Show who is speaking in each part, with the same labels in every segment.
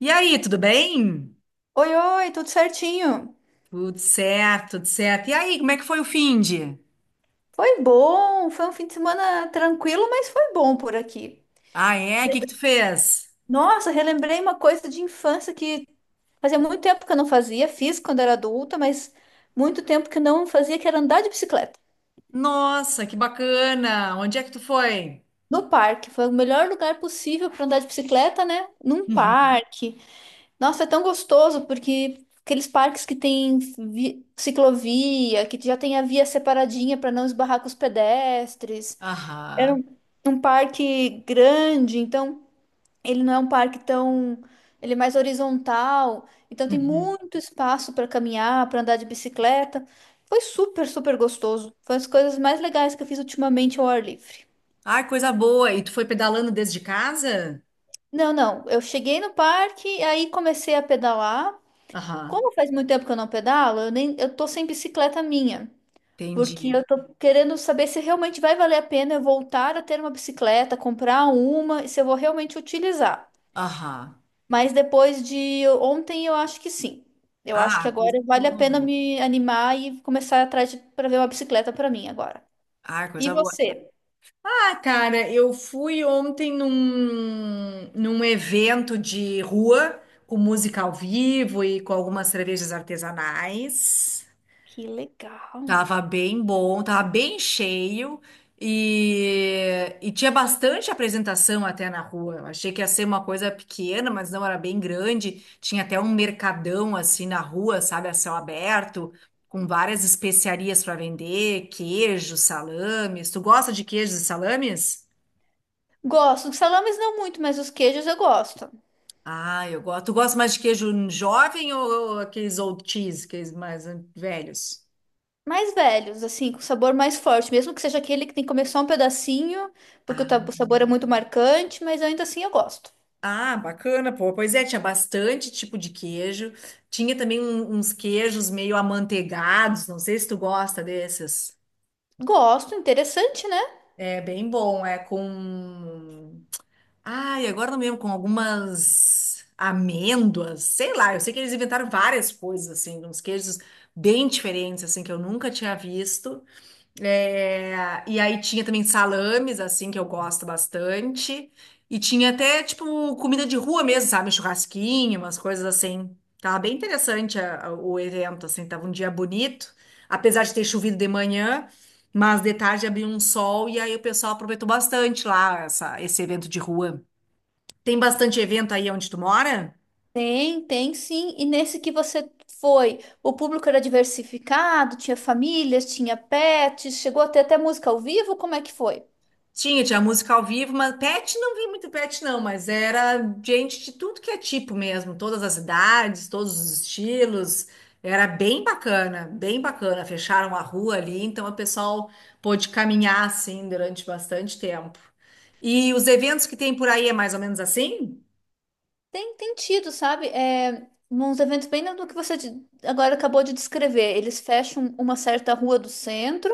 Speaker 1: E aí, tudo bem?
Speaker 2: Oi, oi, tudo certinho?
Speaker 1: Tudo certo, tudo certo. E aí, como é que foi o finde?
Speaker 2: Foi bom, foi um fim de semana tranquilo, mas foi bom por aqui.
Speaker 1: Ah, é? O que que tu fez?
Speaker 2: Nossa, relembrei uma coisa de infância que fazia muito tempo que eu não fazia, fiz quando era adulta, mas muito tempo que eu não fazia, que era andar de bicicleta.
Speaker 1: Nossa, que bacana! Onde é que tu foi?
Speaker 2: No parque, foi o melhor lugar possível para andar de bicicleta, né? Num
Speaker 1: Uhum.
Speaker 2: parque. Nossa, é tão gostoso porque aqueles parques que tem ciclovia, que já tem a via separadinha para não esbarrar com os pedestres. Era
Speaker 1: Aham.
Speaker 2: um, um parque grande, então ele não é um parque tão. Ele é mais horizontal, então tem
Speaker 1: Uhum.
Speaker 2: muito espaço para caminhar, para andar de bicicleta. Foi super, super gostoso. Foi uma das coisas mais legais que eu fiz ultimamente ao ar livre.
Speaker 1: Ai, coisa boa! E tu foi pedalando desde casa?
Speaker 2: Não, não, eu cheguei no parque, aí comecei a pedalar.
Speaker 1: Aham,
Speaker 2: Como faz muito tempo que eu não pedalo, eu tô sem bicicleta minha. Porque
Speaker 1: entendi.
Speaker 2: eu tô querendo saber se realmente vai valer a pena eu voltar a ter uma bicicleta, comprar uma e se eu vou realmente utilizar.
Speaker 1: Aham.
Speaker 2: Mas depois de ontem, eu acho que sim. Eu acho que
Speaker 1: Ah, coisa
Speaker 2: agora vale a
Speaker 1: boa.
Speaker 2: pena me animar e começar atrás para ver uma bicicleta para mim agora.
Speaker 1: Ah,
Speaker 2: E
Speaker 1: coisa boa.
Speaker 2: você?
Speaker 1: Ah, cara, eu fui ontem num evento de rua com música ao vivo e com algumas cervejas artesanais.
Speaker 2: Que legal.
Speaker 1: Tava bem bom, tava bem cheio e tinha bastante apresentação até na rua. Eu achei que ia ser uma coisa pequena, mas não era bem grande. Tinha até um mercadão assim na rua, sabe, a céu aberto, com várias especiarias para vender, queijos, salames. Tu gosta de queijos e salames?
Speaker 2: Gosto. Os salames não muito, mas os queijos eu gosto.
Speaker 1: Ah, eu gosto. Tu gosta mais de queijo jovem ou aqueles old cheese, aqueles mais velhos?
Speaker 2: Mais velhos, assim, com sabor mais forte. Mesmo que seja aquele que tem que comer só um pedacinho, porque o o sabor é muito marcante, mas ainda assim eu gosto.
Speaker 1: Ah, bacana, pô. Pois é, tinha bastante tipo de queijo. Tinha também uns queijos meio amanteigados, não sei se tu gosta desses.
Speaker 2: Gosto, interessante, né?
Speaker 1: É bem bom, é com. Ai, agora não me lembro, com algumas amêndoas, sei lá. Eu sei que eles inventaram várias coisas, assim, uns queijos bem diferentes, assim, que eu nunca tinha visto. É, e aí tinha também salames, assim, que eu gosto bastante. E tinha até, tipo, comida de rua mesmo, sabe? Churrasquinho, umas coisas assim. Tava bem interessante o evento, assim. Tava um dia bonito, apesar de ter chovido de manhã, mas de tarde abriu um sol e aí o pessoal aproveitou bastante lá esse evento de rua. Tem bastante evento aí onde tu mora?
Speaker 2: Tem, tem sim. E nesse que você foi, o público era diversificado, tinha famílias, tinha pets, chegou a ter até música ao vivo? Como é que foi?
Speaker 1: Tinha, tinha música ao vivo, mas pet não vi muito pet, não, mas era gente de tudo que é tipo mesmo, todas as idades, todos os estilos. Era bem bacana, bem bacana. Fecharam a rua ali, então o pessoal pôde caminhar assim durante bastante tempo. E os eventos que tem por aí é mais ou menos assim?
Speaker 2: Tem, tem tido, sabe? É, uns eventos bem do que você agora acabou de descrever. Eles fecham uma certa rua do centro.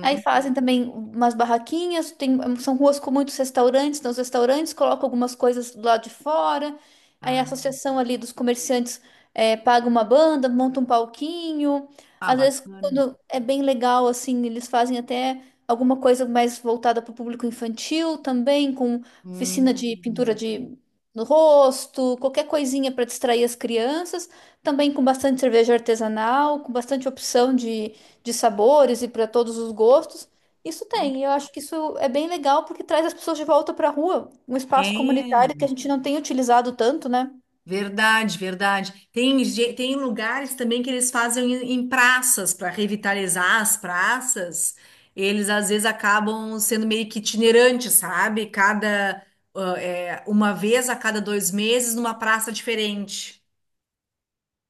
Speaker 2: Aí fazem também umas barraquinhas, tem, são ruas com muitos restaurantes, nos restaurantes colocam algumas coisas do lado de fora. Aí a
Speaker 1: Ah,
Speaker 2: associação ali dos comerciantes paga uma banda, monta um palquinho.
Speaker 1: ah,
Speaker 2: Às vezes,
Speaker 1: bacana.
Speaker 2: quando é bem legal, assim, eles fazem até alguma coisa mais voltada para o público infantil também, com oficina de pintura
Speaker 1: Hum.
Speaker 2: de no rosto, qualquer coisinha para distrair as crianças. Também com bastante cerveja artesanal, com bastante opção de sabores e para todos os gostos. Isso tem, e eu acho que isso é bem legal porque traz as pessoas de volta para a rua, um espaço
Speaker 1: É.
Speaker 2: comunitário que a gente não tem utilizado tanto, né?
Speaker 1: Verdade, verdade. Tem, tem lugares também que eles fazem em, em praças para revitalizar as praças. Eles às vezes acabam sendo meio que itinerantes, sabe? Cada ah, é, uma vez a cada dois meses numa praça diferente.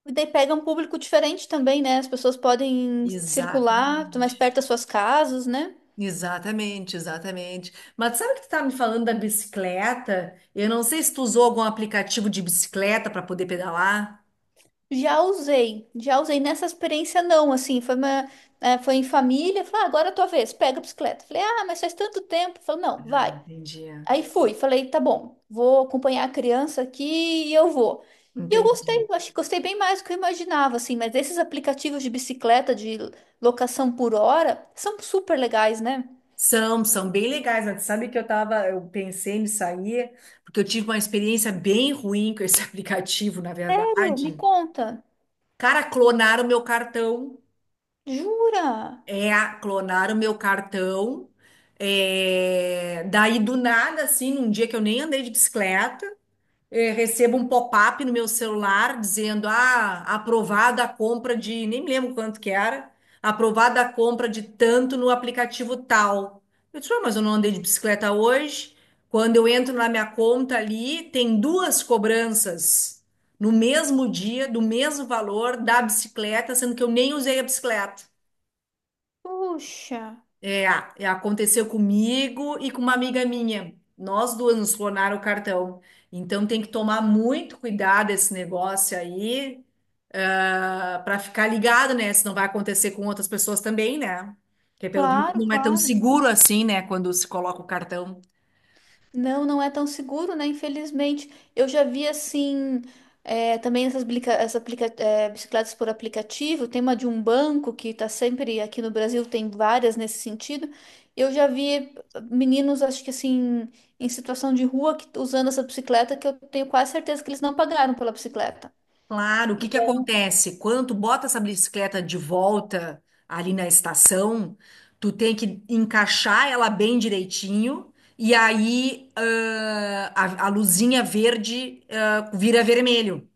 Speaker 2: E daí pega um público diferente também, né? As pessoas podem circular tá mais
Speaker 1: Exatamente.
Speaker 2: perto das suas casas, né?
Speaker 1: Exatamente, exatamente. Mas sabe que tu tá me falando da bicicleta? Eu não sei se tu usou algum aplicativo de bicicleta para poder pedalar.
Speaker 2: Já usei nessa experiência não, assim, foi em família, falei, ah, agora é a tua vez, pega a bicicleta. Falei, ah, mas faz tanto tempo. Falei, não,
Speaker 1: Ah,
Speaker 2: vai.
Speaker 1: entendi.
Speaker 2: Aí fui, falei, tá bom, vou acompanhar a criança aqui e eu vou. E eu
Speaker 1: Entendi.
Speaker 2: gostei, eu acho que gostei bem mais do que eu imaginava, assim, mas esses aplicativos de bicicleta, de locação por hora, são super legais, né?
Speaker 1: São, são bem legais, mas sabe que eu pensei nisso aí, porque eu tive uma experiência bem ruim com esse aplicativo, na verdade.
Speaker 2: Sério, me conta.
Speaker 1: Cara, clonaram meu cartão.
Speaker 2: Jura?
Speaker 1: É, clonaram meu cartão. É, daí do nada, assim, num dia que eu nem andei de bicicleta recebo um pop-up no meu celular dizendo, ah, aprovada a compra de, nem me lembro quanto que era, aprovada a compra de tanto no aplicativo tal. Eu disse, "Ué, mas eu não andei de bicicleta hoje. Quando eu entro na minha conta ali, tem duas cobranças no mesmo dia, do mesmo valor da bicicleta, sendo que eu nem usei a bicicleta.
Speaker 2: Puxa,
Speaker 1: É, é, aconteceu comigo e com uma amiga minha. Nós duas nos clonaram o cartão. Então tem que tomar muito cuidado esse negócio aí, para ficar ligado, né? Se não vai acontecer com outras pessoas também, né? Porque pelo visto
Speaker 2: claro,
Speaker 1: não é tão
Speaker 2: claro.
Speaker 1: seguro assim, né? Quando se coloca o cartão.
Speaker 2: Não, não é tão seguro, né? Infelizmente. Eu já vi assim, também essas, bicicletas por aplicativo, tem uma de um banco que tá sempre aqui no Brasil, tem várias nesse sentido. Eu já vi meninos, acho que assim, em situação de rua, que, usando essa bicicleta, que eu tenho quase certeza que eles não pagaram pela bicicleta.
Speaker 1: Claro, o que que
Speaker 2: Então,
Speaker 1: acontece? Quando tu bota essa bicicleta de volta ali na estação, tu tem que encaixar ela bem direitinho e aí a luzinha verde, vira vermelho,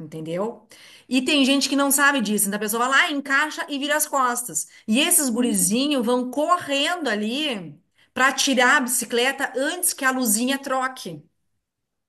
Speaker 1: entendeu? E tem gente que não sabe disso, então a pessoa vai lá, encaixa e vira as costas. E esses
Speaker 2: hum,
Speaker 1: gurizinhos vão correndo ali para tirar a bicicleta antes que a luzinha troque,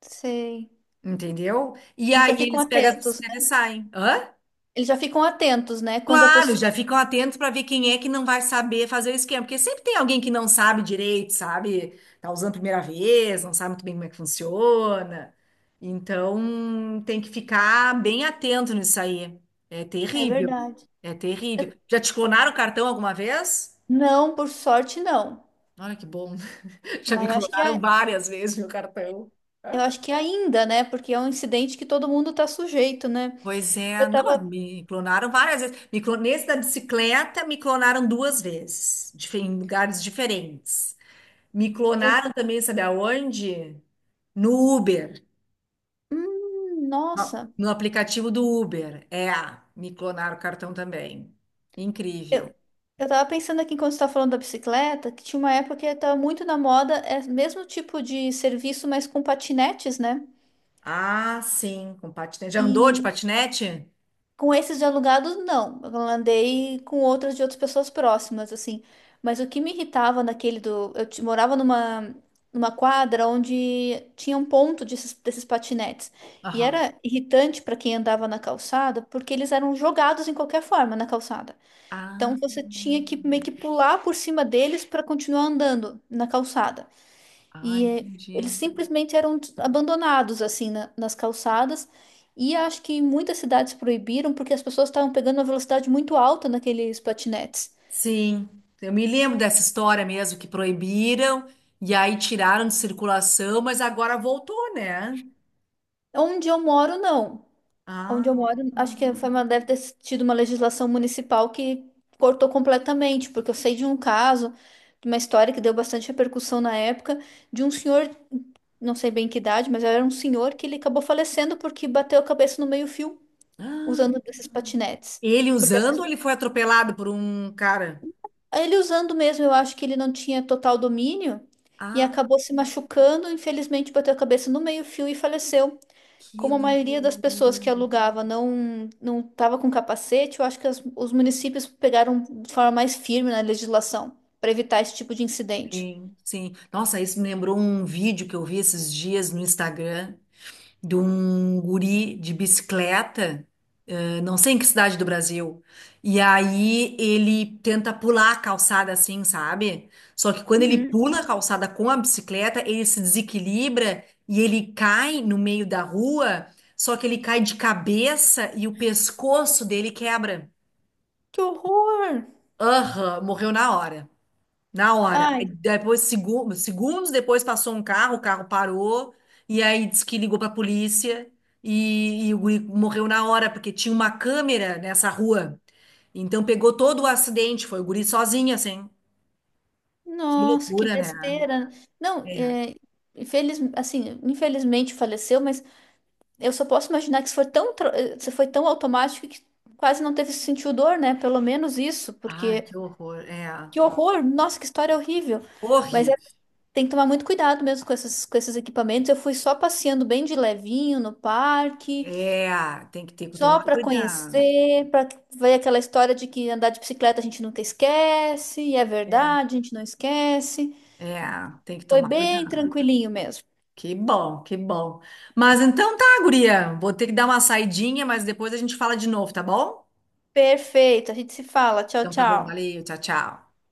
Speaker 2: sei.
Speaker 1: entendeu? E
Speaker 2: Eles
Speaker 1: aí
Speaker 2: já ficam
Speaker 1: eles pegam as
Speaker 2: atentos,
Speaker 1: bicicletas e
Speaker 2: né?
Speaker 1: saem. Hã?
Speaker 2: Eles já ficam atentos, né? Quando a
Speaker 1: Claro,
Speaker 2: pessoa.
Speaker 1: já ficam atentos para ver quem é que não vai saber fazer o esquema, porque sempre tem alguém que não sabe direito, sabe? Tá usando a primeira vez, não sabe muito bem como é que funciona. Então, tem que ficar bem atento nisso aí. É
Speaker 2: É
Speaker 1: terrível.
Speaker 2: verdade.
Speaker 1: É terrível. Já te clonaram o cartão alguma vez?
Speaker 2: Não, por sorte, não.
Speaker 1: Olha que bom. Já me
Speaker 2: Mas acho que é.
Speaker 1: clonaram várias vezes meu cartão.
Speaker 2: Eu acho que ainda, né? Porque é um incidente que todo mundo tá sujeito, né?
Speaker 1: Pois é,
Speaker 2: Eu
Speaker 1: não, mas
Speaker 2: tava.
Speaker 1: me clonaram várias vezes. Nesse da bicicleta, me clonaram duas vezes, em lugares diferentes. Me
Speaker 2: Eu,
Speaker 1: clonaram também, sabe aonde? No Uber, no,
Speaker 2: nossa.
Speaker 1: no aplicativo do Uber. É, me clonaram o cartão também. Incrível.
Speaker 2: Eu, eu tava pensando aqui quando você tá falando da bicicleta, que tinha uma época que tava muito na moda, é o mesmo tipo de serviço, mas com patinetes, né?
Speaker 1: Ah, sim, com patinete. Já andou de
Speaker 2: E
Speaker 1: patinete?
Speaker 2: com esses de alugados, não. Eu andei com outras de outras pessoas próximas, assim. Mas o que me irritava naquele do. Morava numa quadra onde tinha um ponto desses, desses patinetes. E
Speaker 1: Aham.
Speaker 2: era irritante para quem andava na calçada, porque eles eram jogados em qualquer forma na calçada. Então
Speaker 1: Ah,
Speaker 2: você tinha que meio que pular por cima deles para continuar andando na calçada.
Speaker 1: ah,
Speaker 2: E é,
Speaker 1: entendi.
Speaker 2: eles simplesmente eram abandonados assim nas calçadas. E acho que muitas cidades proibiram porque as pessoas estavam pegando uma velocidade muito alta naqueles patinetes.
Speaker 1: Sim, eu me lembro dessa história mesmo, que proibiram e aí tiraram de circulação, mas agora voltou, né?
Speaker 2: Onde eu moro, não. Onde eu moro,
Speaker 1: Ah,
Speaker 2: acho que foi uma, deve ter tido uma legislação municipal que cortou completamente, porque eu sei de um caso, de uma história que deu bastante repercussão na época, de um senhor, não sei bem que idade, mas era um senhor que ele acabou falecendo porque bateu a cabeça no meio-fio usando
Speaker 1: ah.
Speaker 2: desses patinetes.
Speaker 1: Ele usando ou ele foi atropelado por um cara?
Speaker 2: Ele usando mesmo, eu acho que ele não tinha total domínio e
Speaker 1: Ah.
Speaker 2: acabou se machucando. Infelizmente, bateu a cabeça no meio-fio e faleceu.
Speaker 1: Que
Speaker 2: Como a maioria das
Speaker 1: loucura.
Speaker 2: pessoas que alugava não estava com capacete, eu acho que os municípios pegaram de forma mais firme na legislação para evitar esse tipo de incidente.
Speaker 1: Sim, sim. Nossa, isso me lembrou um vídeo que eu vi esses dias no Instagram de um guri de bicicleta, não sei em que cidade do Brasil. E aí ele tenta pular a calçada assim, sabe? Só que quando ele
Speaker 2: Uhum.
Speaker 1: pula a calçada com a bicicleta, ele se desequilibra e ele cai no meio da rua, só que ele cai de cabeça e o pescoço dele quebra.
Speaker 2: Que horror!
Speaker 1: Aham, morreu na hora. Na hora. Aí
Speaker 2: Ai,
Speaker 1: depois, segundos depois, passou um carro, o carro parou, e aí disse que ligou pra polícia, e o guri morreu na hora, porque tinha uma câmera nessa rua. Então pegou todo o acidente, foi o guri sozinho, assim. Que
Speaker 2: nossa, que
Speaker 1: loucura, né?
Speaker 2: besteira. Não,
Speaker 1: É.
Speaker 2: é, infeliz, assim, infelizmente faleceu, mas eu só posso imaginar que isso foi isso foi tão automático que quase não teve sentiu dor, né? Pelo menos isso,
Speaker 1: Ai,
Speaker 2: porque
Speaker 1: que horror. É.
Speaker 2: que horror! Nossa, que história horrível! Mas é-
Speaker 1: Horrível.
Speaker 2: Tem que tomar muito cuidado mesmo com esses equipamentos. Eu fui só passeando bem de levinho no parque,
Speaker 1: É, tem que ter que
Speaker 2: só
Speaker 1: tomar
Speaker 2: para
Speaker 1: cuidado.
Speaker 2: conhecer, para ver aquela história de que andar de bicicleta a gente nunca esquece, e é
Speaker 1: É,
Speaker 2: verdade, a gente não esquece.
Speaker 1: É. Tem que
Speaker 2: Foi
Speaker 1: tomar
Speaker 2: bem
Speaker 1: cuidado.
Speaker 2: tranquilinho mesmo.
Speaker 1: Que bom, que bom. Mas então tá, guria. Vou ter que dar uma saidinha, mas depois a gente fala de novo, tá bom?
Speaker 2: Perfeito, a gente se fala. Tchau,
Speaker 1: Então tá bom,
Speaker 2: tchau.
Speaker 1: valeu, tchau, tchau.